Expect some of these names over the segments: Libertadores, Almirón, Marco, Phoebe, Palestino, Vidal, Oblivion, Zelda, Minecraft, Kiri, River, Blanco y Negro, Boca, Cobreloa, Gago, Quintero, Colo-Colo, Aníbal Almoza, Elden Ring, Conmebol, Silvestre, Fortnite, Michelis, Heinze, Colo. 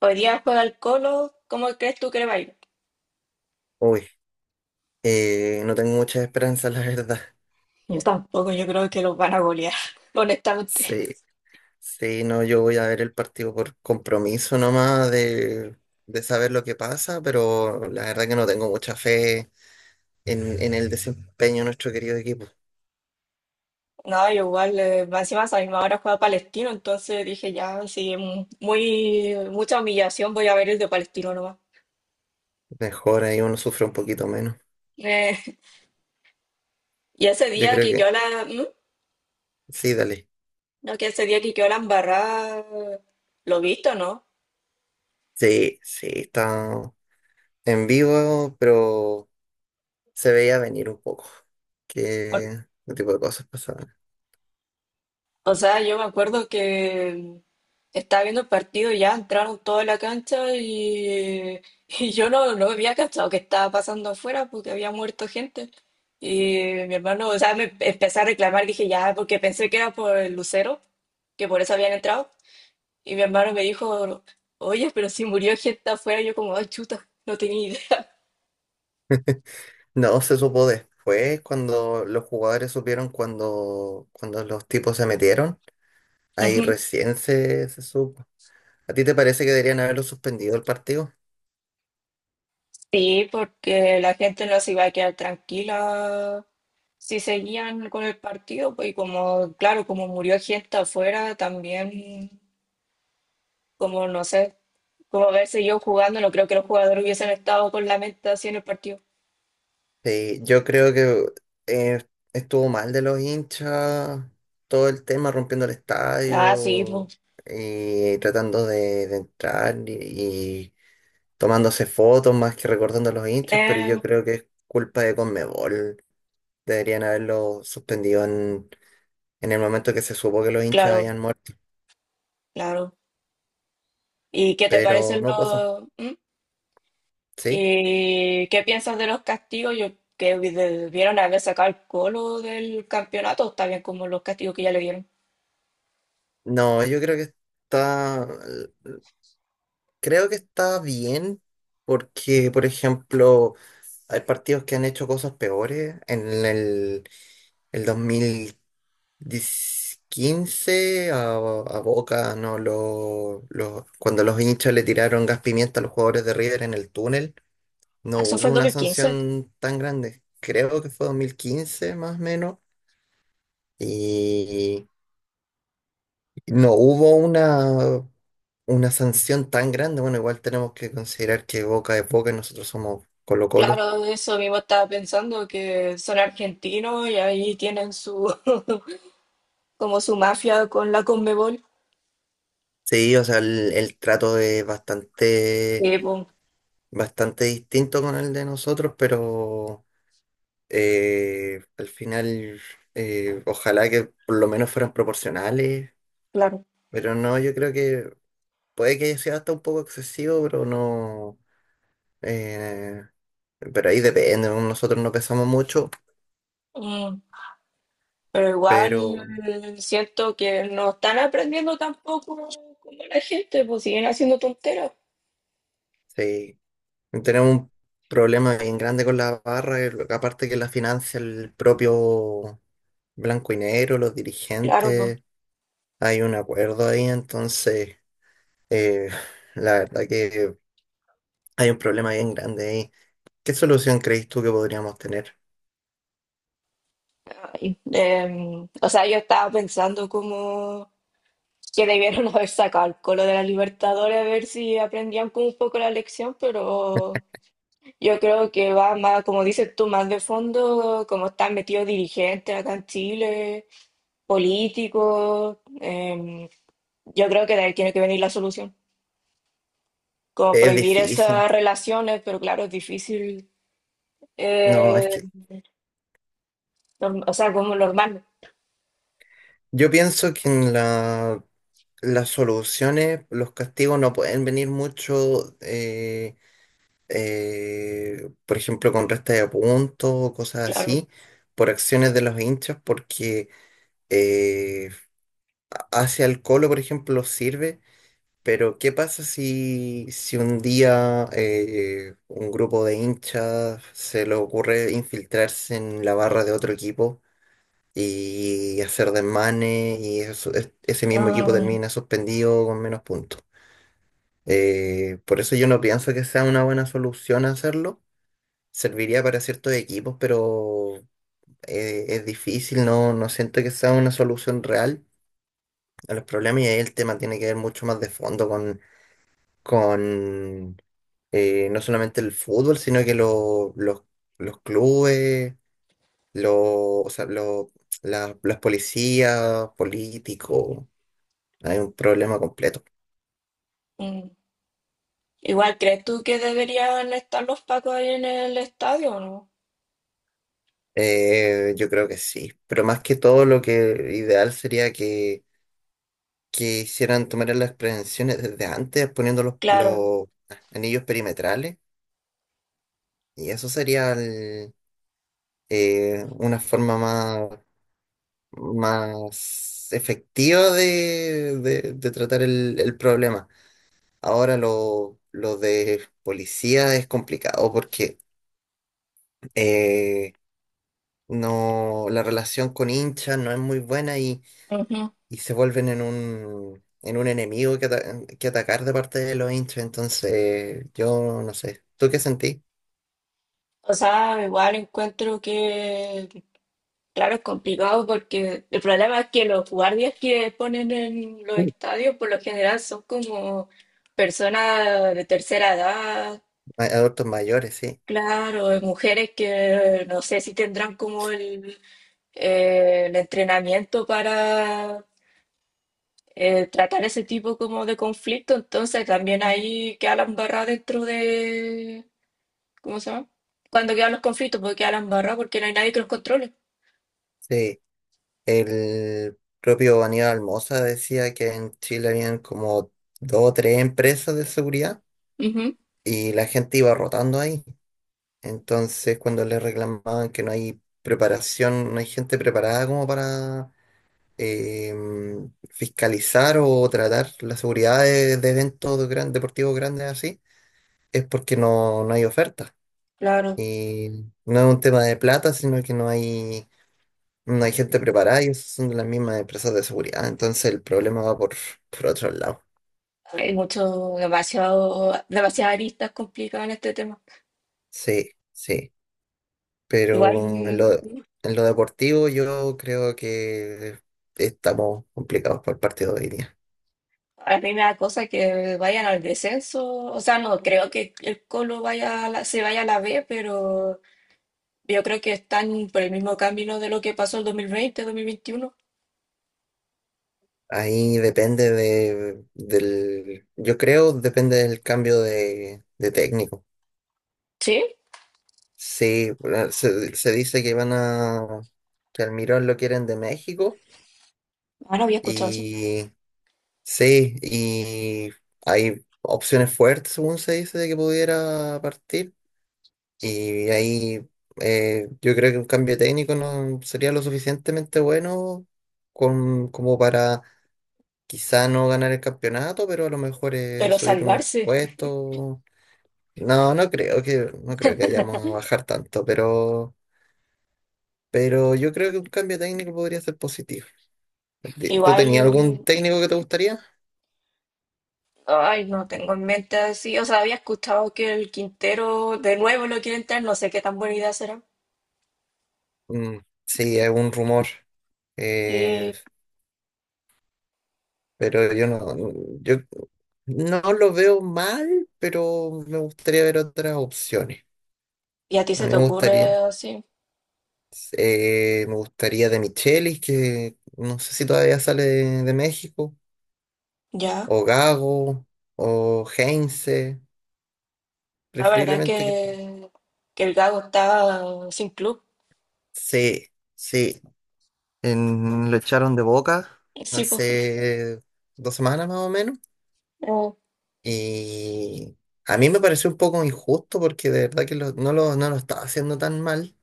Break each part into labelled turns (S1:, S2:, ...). S1: Hoy día juega el Colo, ¿cómo crees tú que le va a ir?
S2: Uy, no tengo muchas esperanzas, la verdad.
S1: Yo tampoco, yo creo que los van a golear, honestamente.
S2: Sí, sí, no, yo voy a ver el partido por compromiso nomás de saber lo que pasa, pero la verdad que no tengo mucha fe en el desempeño de nuestro querido equipo.
S1: No, yo igual, más encima a esa misma hora juega Palestino, entonces dije ya, sí, mucha humillación, voy a ver el de Palestino nomás.
S2: Mejor ahí uno sufre un poquito menos.
S1: Eh, y ese
S2: Yo
S1: día
S2: creo
S1: que
S2: que
S1: quedó la, ¿Mm?
S2: sí, dale.
S1: No, que ese día que quedó la embarrada, ¿lo viste o no?
S2: Sí, sí, está en vivo, pero se veía venir un poco que ese tipo de cosas pasaban.
S1: O sea, yo me acuerdo que estaba viendo el partido y ya entraron toda la cancha y yo no había cachado qué estaba pasando afuera porque había muerto gente. Y mi hermano, o sea, me empecé a reclamar, dije ya, porque pensé que era por el lucero, que por eso habían entrado. Y mi hermano me dijo, oye, pero si murió gente afuera, yo como, ay, chuta, no tenía idea.
S2: No se supo después, cuando los jugadores supieron cuando los tipos se metieron. Ahí recién se supo. ¿A ti te parece que deberían haberlo suspendido el partido?
S1: Sí, porque la gente no se iba a quedar tranquila si seguían con el partido, pues y como, claro, como murió gente afuera, también, como no sé, como haber seguido jugando, no creo que los jugadores hubiesen estado con la mente así en el partido.
S2: Sí, yo creo que eh, estuvo mal de los hinchas, todo el tema rompiendo el
S1: Ah, sí,
S2: estadio
S1: pues.
S2: y tratando de entrar y tomándose fotos más que recordando a los hinchas, pero yo
S1: Eh,
S2: creo que es culpa de Conmebol. Deberían haberlo suspendido en el momento que se supo que los hinchas
S1: claro,
S2: habían muerto,
S1: claro. ¿Y qué te
S2: pero
S1: parecen
S2: no pasó,
S1: los... mm?
S2: ¿sí?
S1: ¿Y qué piensas de los castigos? Yo que debieron haber sacado el Colo del campeonato, está bien como los castigos que ya le dieron.
S2: No, yo está, creo que está bien porque, por ejemplo, hay partidos que han hecho cosas peores en el 2000. Quince a Boca, no, cuando los hinchas le tiraron gas pimienta a los jugadores de River en el túnel, no
S1: Ah, eso fue
S2: hubo
S1: el dos
S2: una
S1: mil quince.
S2: sanción tan grande. Creo que fue 2015 más o menos. Y no hubo una sanción tan grande. Bueno, igual tenemos que considerar que Boca es Boca y nosotros somos Colo-Colo.
S1: Claro, eso mismo estaba pensando, que son argentinos y ahí tienen su como su mafia con la Conmebol.
S2: Sí, o sea, el trato es bastante,
S1: Sí, pues,
S2: bastante distinto con el de nosotros, pero... Al final, ojalá que por lo menos fueran proporcionales,
S1: claro.
S2: pero no, yo creo que puede que haya sido hasta un poco excesivo, pero no. eh, pero ahí depende, ¿no? Nosotros no pesamos mucho,
S1: Mm, pero igual
S2: pero
S1: siento que no están aprendiendo tampoco como la gente, pues siguen haciendo tonteras.
S2: sí, tenemos un problema bien grande con la barra, que aparte que la financia el propio Blanco y Negro, los
S1: Claro, pues.
S2: dirigentes, hay un acuerdo ahí, entonces, eh, la verdad que hay un problema bien grande ahí. ¿Qué solución crees tú que podríamos tener?
S1: Ay, o sea, yo estaba pensando como que debieron haber sacado el colo de la Libertadores a ver si aprendían como un poco la lección, pero yo creo que va más, como dices tú, más de fondo, como están metidos dirigentes acá en Chile, políticos. Yo creo que de ahí tiene que venir la solución. Como
S2: Es
S1: prohibir
S2: difícil.
S1: esas relaciones, pero claro, es difícil.
S2: No, es
S1: eh,
S2: que
S1: o sea, como normal,
S2: yo pienso que en las soluciones, los castigos no pueden venir mucho, por ejemplo, con resta de puntos o cosas
S1: claro.
S2: así, por acciones de los hinchas, porque eh, hacia el Colo, por ejemplo, sirve, pero ¿qué pasa si un día un grupo de hinchas se le ocurre infiltrarse en la barra de otro equipo y hacer desmanes y ese mismo equipo
S1: Mm,
S2: termina suspendido con menos puntos? Por eso yo no pienso que sea una buena solución hacerlo. Serviría para ciertos equipos, pero es difícil, no, no siento que sea una solución real a los problemas y ahí el tema tiene que ver mucho más de fondo con, con no solamente el fútbol, sino que los clubes, los, o sea, las policías, políticos. Hay un problema completo.
S1: mm. Igual, ¿crees tú que deberían estar los pacos ahí en el estadio o no?
S2: Yo creo que sí, pero más que todo lo que ideal sería que hicieran tomar las prevenciones desde antes poniendo los,
S1: Claro.
S2: los anillos perimetrales y eso sería una forma más, más efectiva de tratar el problema. Ahora lo de policía es complicado porque eh, no, la relación con hinchas no es muy buena
S1: Ujú.
S2: y se vuelven en un enemigo que atacar de parte de los hinchas. Entonces, yo no sé. ¿Tú qué sentí?
S1: O sea, igual encuentro que claro, es complicado porque el problema es que los guardias que ponen en los estadios por lo general son como personas de tercera edad,
S2: Adultos mayores, sí.
S1: claro, mujeres que no sé si tendrán como el entrenamiento para tratar ese tipo como de conflicto, entonces también ahí queda la embarrada dentro de, ¿cómo se llama? Cuando quedan los conflictos, porque queda la embarrada porque no hay nadie que los controle.
S2: Sí. El propio Aníbal Almoza decía que en Chile habían como dos o tres empresas de seguridad
S1: Ujú,
S2: y la gente iba rotando ahí. Entonces, cuando le reclamaban que no hay preparación, no hay gente preparada como para fiscalizar o tratar la seguridad de eventos deportivos grandes así, es porque no hay oferta.
S1: claro.
S2: Y no es un tema de plata, sino que no hay gente preparada y esas son las mismas empresas de seguridad. Entonces el problema va por otro lado.
S1: Hay mucho, demasiadas aristas complicadas en este tema.
S2: Sí, sí.
S1: Igual,
S2: Pero en lo,
S1: mm,
S2: en lo deportivo yo creo que estamos complicados por el partido de hoy día.
S1: a mí me da cosa que vayan al descenso. O sea, no creo que el Colo vaya a se vaya a la B, pero yo creo que están por el mismo camino de lo que pasó el 2020, 2021.
S2: Ahí depende del yo creo, depende del cambio de técnico.
S1: Sí,
S2: Sí, bueno, se dice que que Almirón lo quieren de México
S1: ah, no había escuchado eso.
S2: y sí, y hay opciones fuertes, según se dice, de que pudiera partir. Y ahí yo creo que un cambio técnico no sería lo suficientemente bueno como para quizá no ganar el campeonato, pero a lo mejor es
S1: Pero
S2: subir unos
S1: salvarse.
S2: puestos. No, no creo que, vayamos a bajar tanto, pero yo creo que un cambio técnico podría ser positivo. ¿Tú
S1: Igual,
S2: tenías algún técnico que te gustaría?
S1: ay, no tengo en mente así. O sea, había escuchado que el Quintero de nuevo lo quiere entrar. No sé qué tan buena idea será.
S2: Mm, sí, es un rumor. eh,
S1: Sí,
S2: pero yo no, yo no lo veo mal, pero me gustaría ver otras opciones.
S1: ¿y a ti
S2: A
S1: se
S2: mí
S1: te
S2: me
S1: ocurre
S2: gustaría,
S1: así?
S2: eh, me gustaría de Michelis, que no sé si todavía sale de México.
S1: Ya,
S2: O Gago, o Heinze,
S1: la verdad
S2: preferiblemente que...
S1: que el Gago está sin club.
S2: Sí, sí. Lo echaron de Boca
S1: Sí, pues.
S2: hace 2 semanas más o menos.
S1: No,
S2: Y a mí me pareció un poco injusto porque de verdad que no lo estaba haciendo tan mal,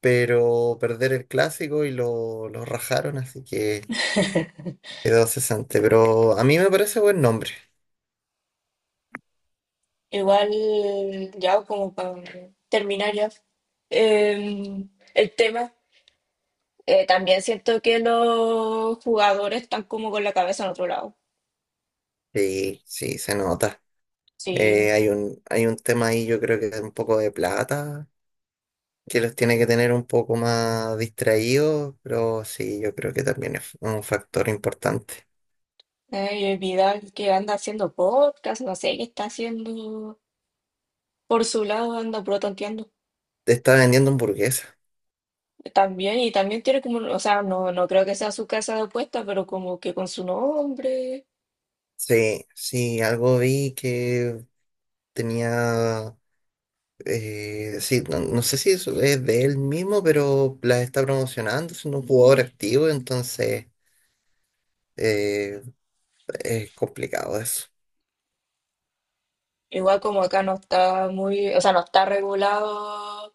S2: pero perder el clásico y lo rajaron, así que quedó cesante. Pero a mí me parece buen nombre.
S1: igual, ya como para terminar ya. eh, el tema, también siento que los jugadores están como con la cabeza en otro lado.
S2: Sí, sí, se nota.
S1: Sí,
S2: Hay un, tema ahí, yo creo que un poco de plata que los tiene que tener un poco más distraídos, pero sí, yo creo que también es un factor importante.
S1: y el Vidal que anda haciendo podcast, no sé qué está haciendo por su lado, anda protonteando.
S2: Te está vendiendo hamburguesa.
S1: También, y también tiene como, o sea, no creo que sea su casa de apuesta, pero como que con su nombre.
S2: Sí, sí, algo vi que tenía, sí, no, sé si eso es de él mismo, pero las está promocionando, es un jugador activo, entonces eh, es complicado eso.
S1: Igual como acá no está muy, o sea, no está regulado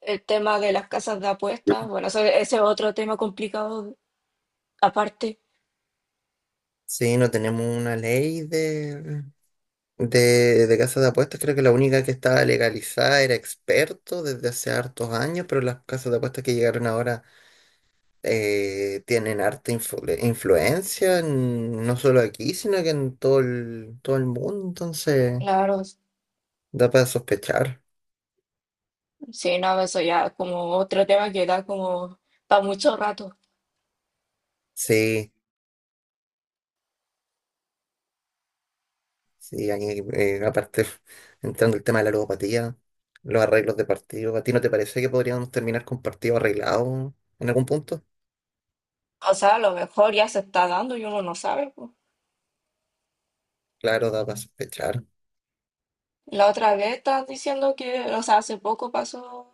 S1: el tema de las casas de apuestas. Bueno, ese es otro tema complicado aparte.
S2: Sí, no tenemos una ley de casas de apuestas, creo que la única que estaba legalizada era experto desde hace hartos años, pero las casas de apuestas que llegaron ahora tienen harta influencia, no solo aquí, sino que en todo el mundo, entonces
S1: Claro,
S2: da para sospechar.
S1: sí, no, eso ya es como otro tema que da como para mucho rato.
S2: Sí, sí, ahí, aparte, entrando el tema de la ludopatía, los arreglos de partido, ¿a ti no te parece que podríamos terminar con partido arreglado en algún punto?
S1: O sea, a lo mejor ya se está dando y uno no sabe, po.
S2: Claro, da para sospechar.
S1: La otra vez estás diciendo que, o sea, hace poco pasó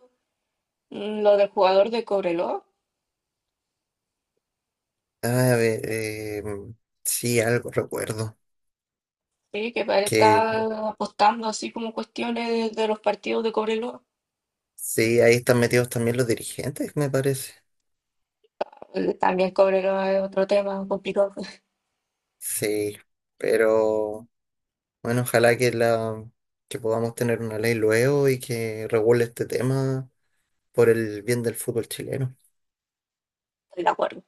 S1: mm, lo del jugador de Cobreloa,
S2: Ah, a ver, sí, algo recuerdo.
S1: sí, que parece
S2: Que
S1: estar apostando así como cuestiones de los partidos de Cobreloa.
S2: sí, ahí están metidos también los dirigentes, me parece.
S1: También Cobreloa es otro tema complicado.
S2: Sí, pero bueno, ojalá que la que podamos tener una ley luego y que regule este tema por el bien del fútbol chileno.
S1: Estoy de acuerdo.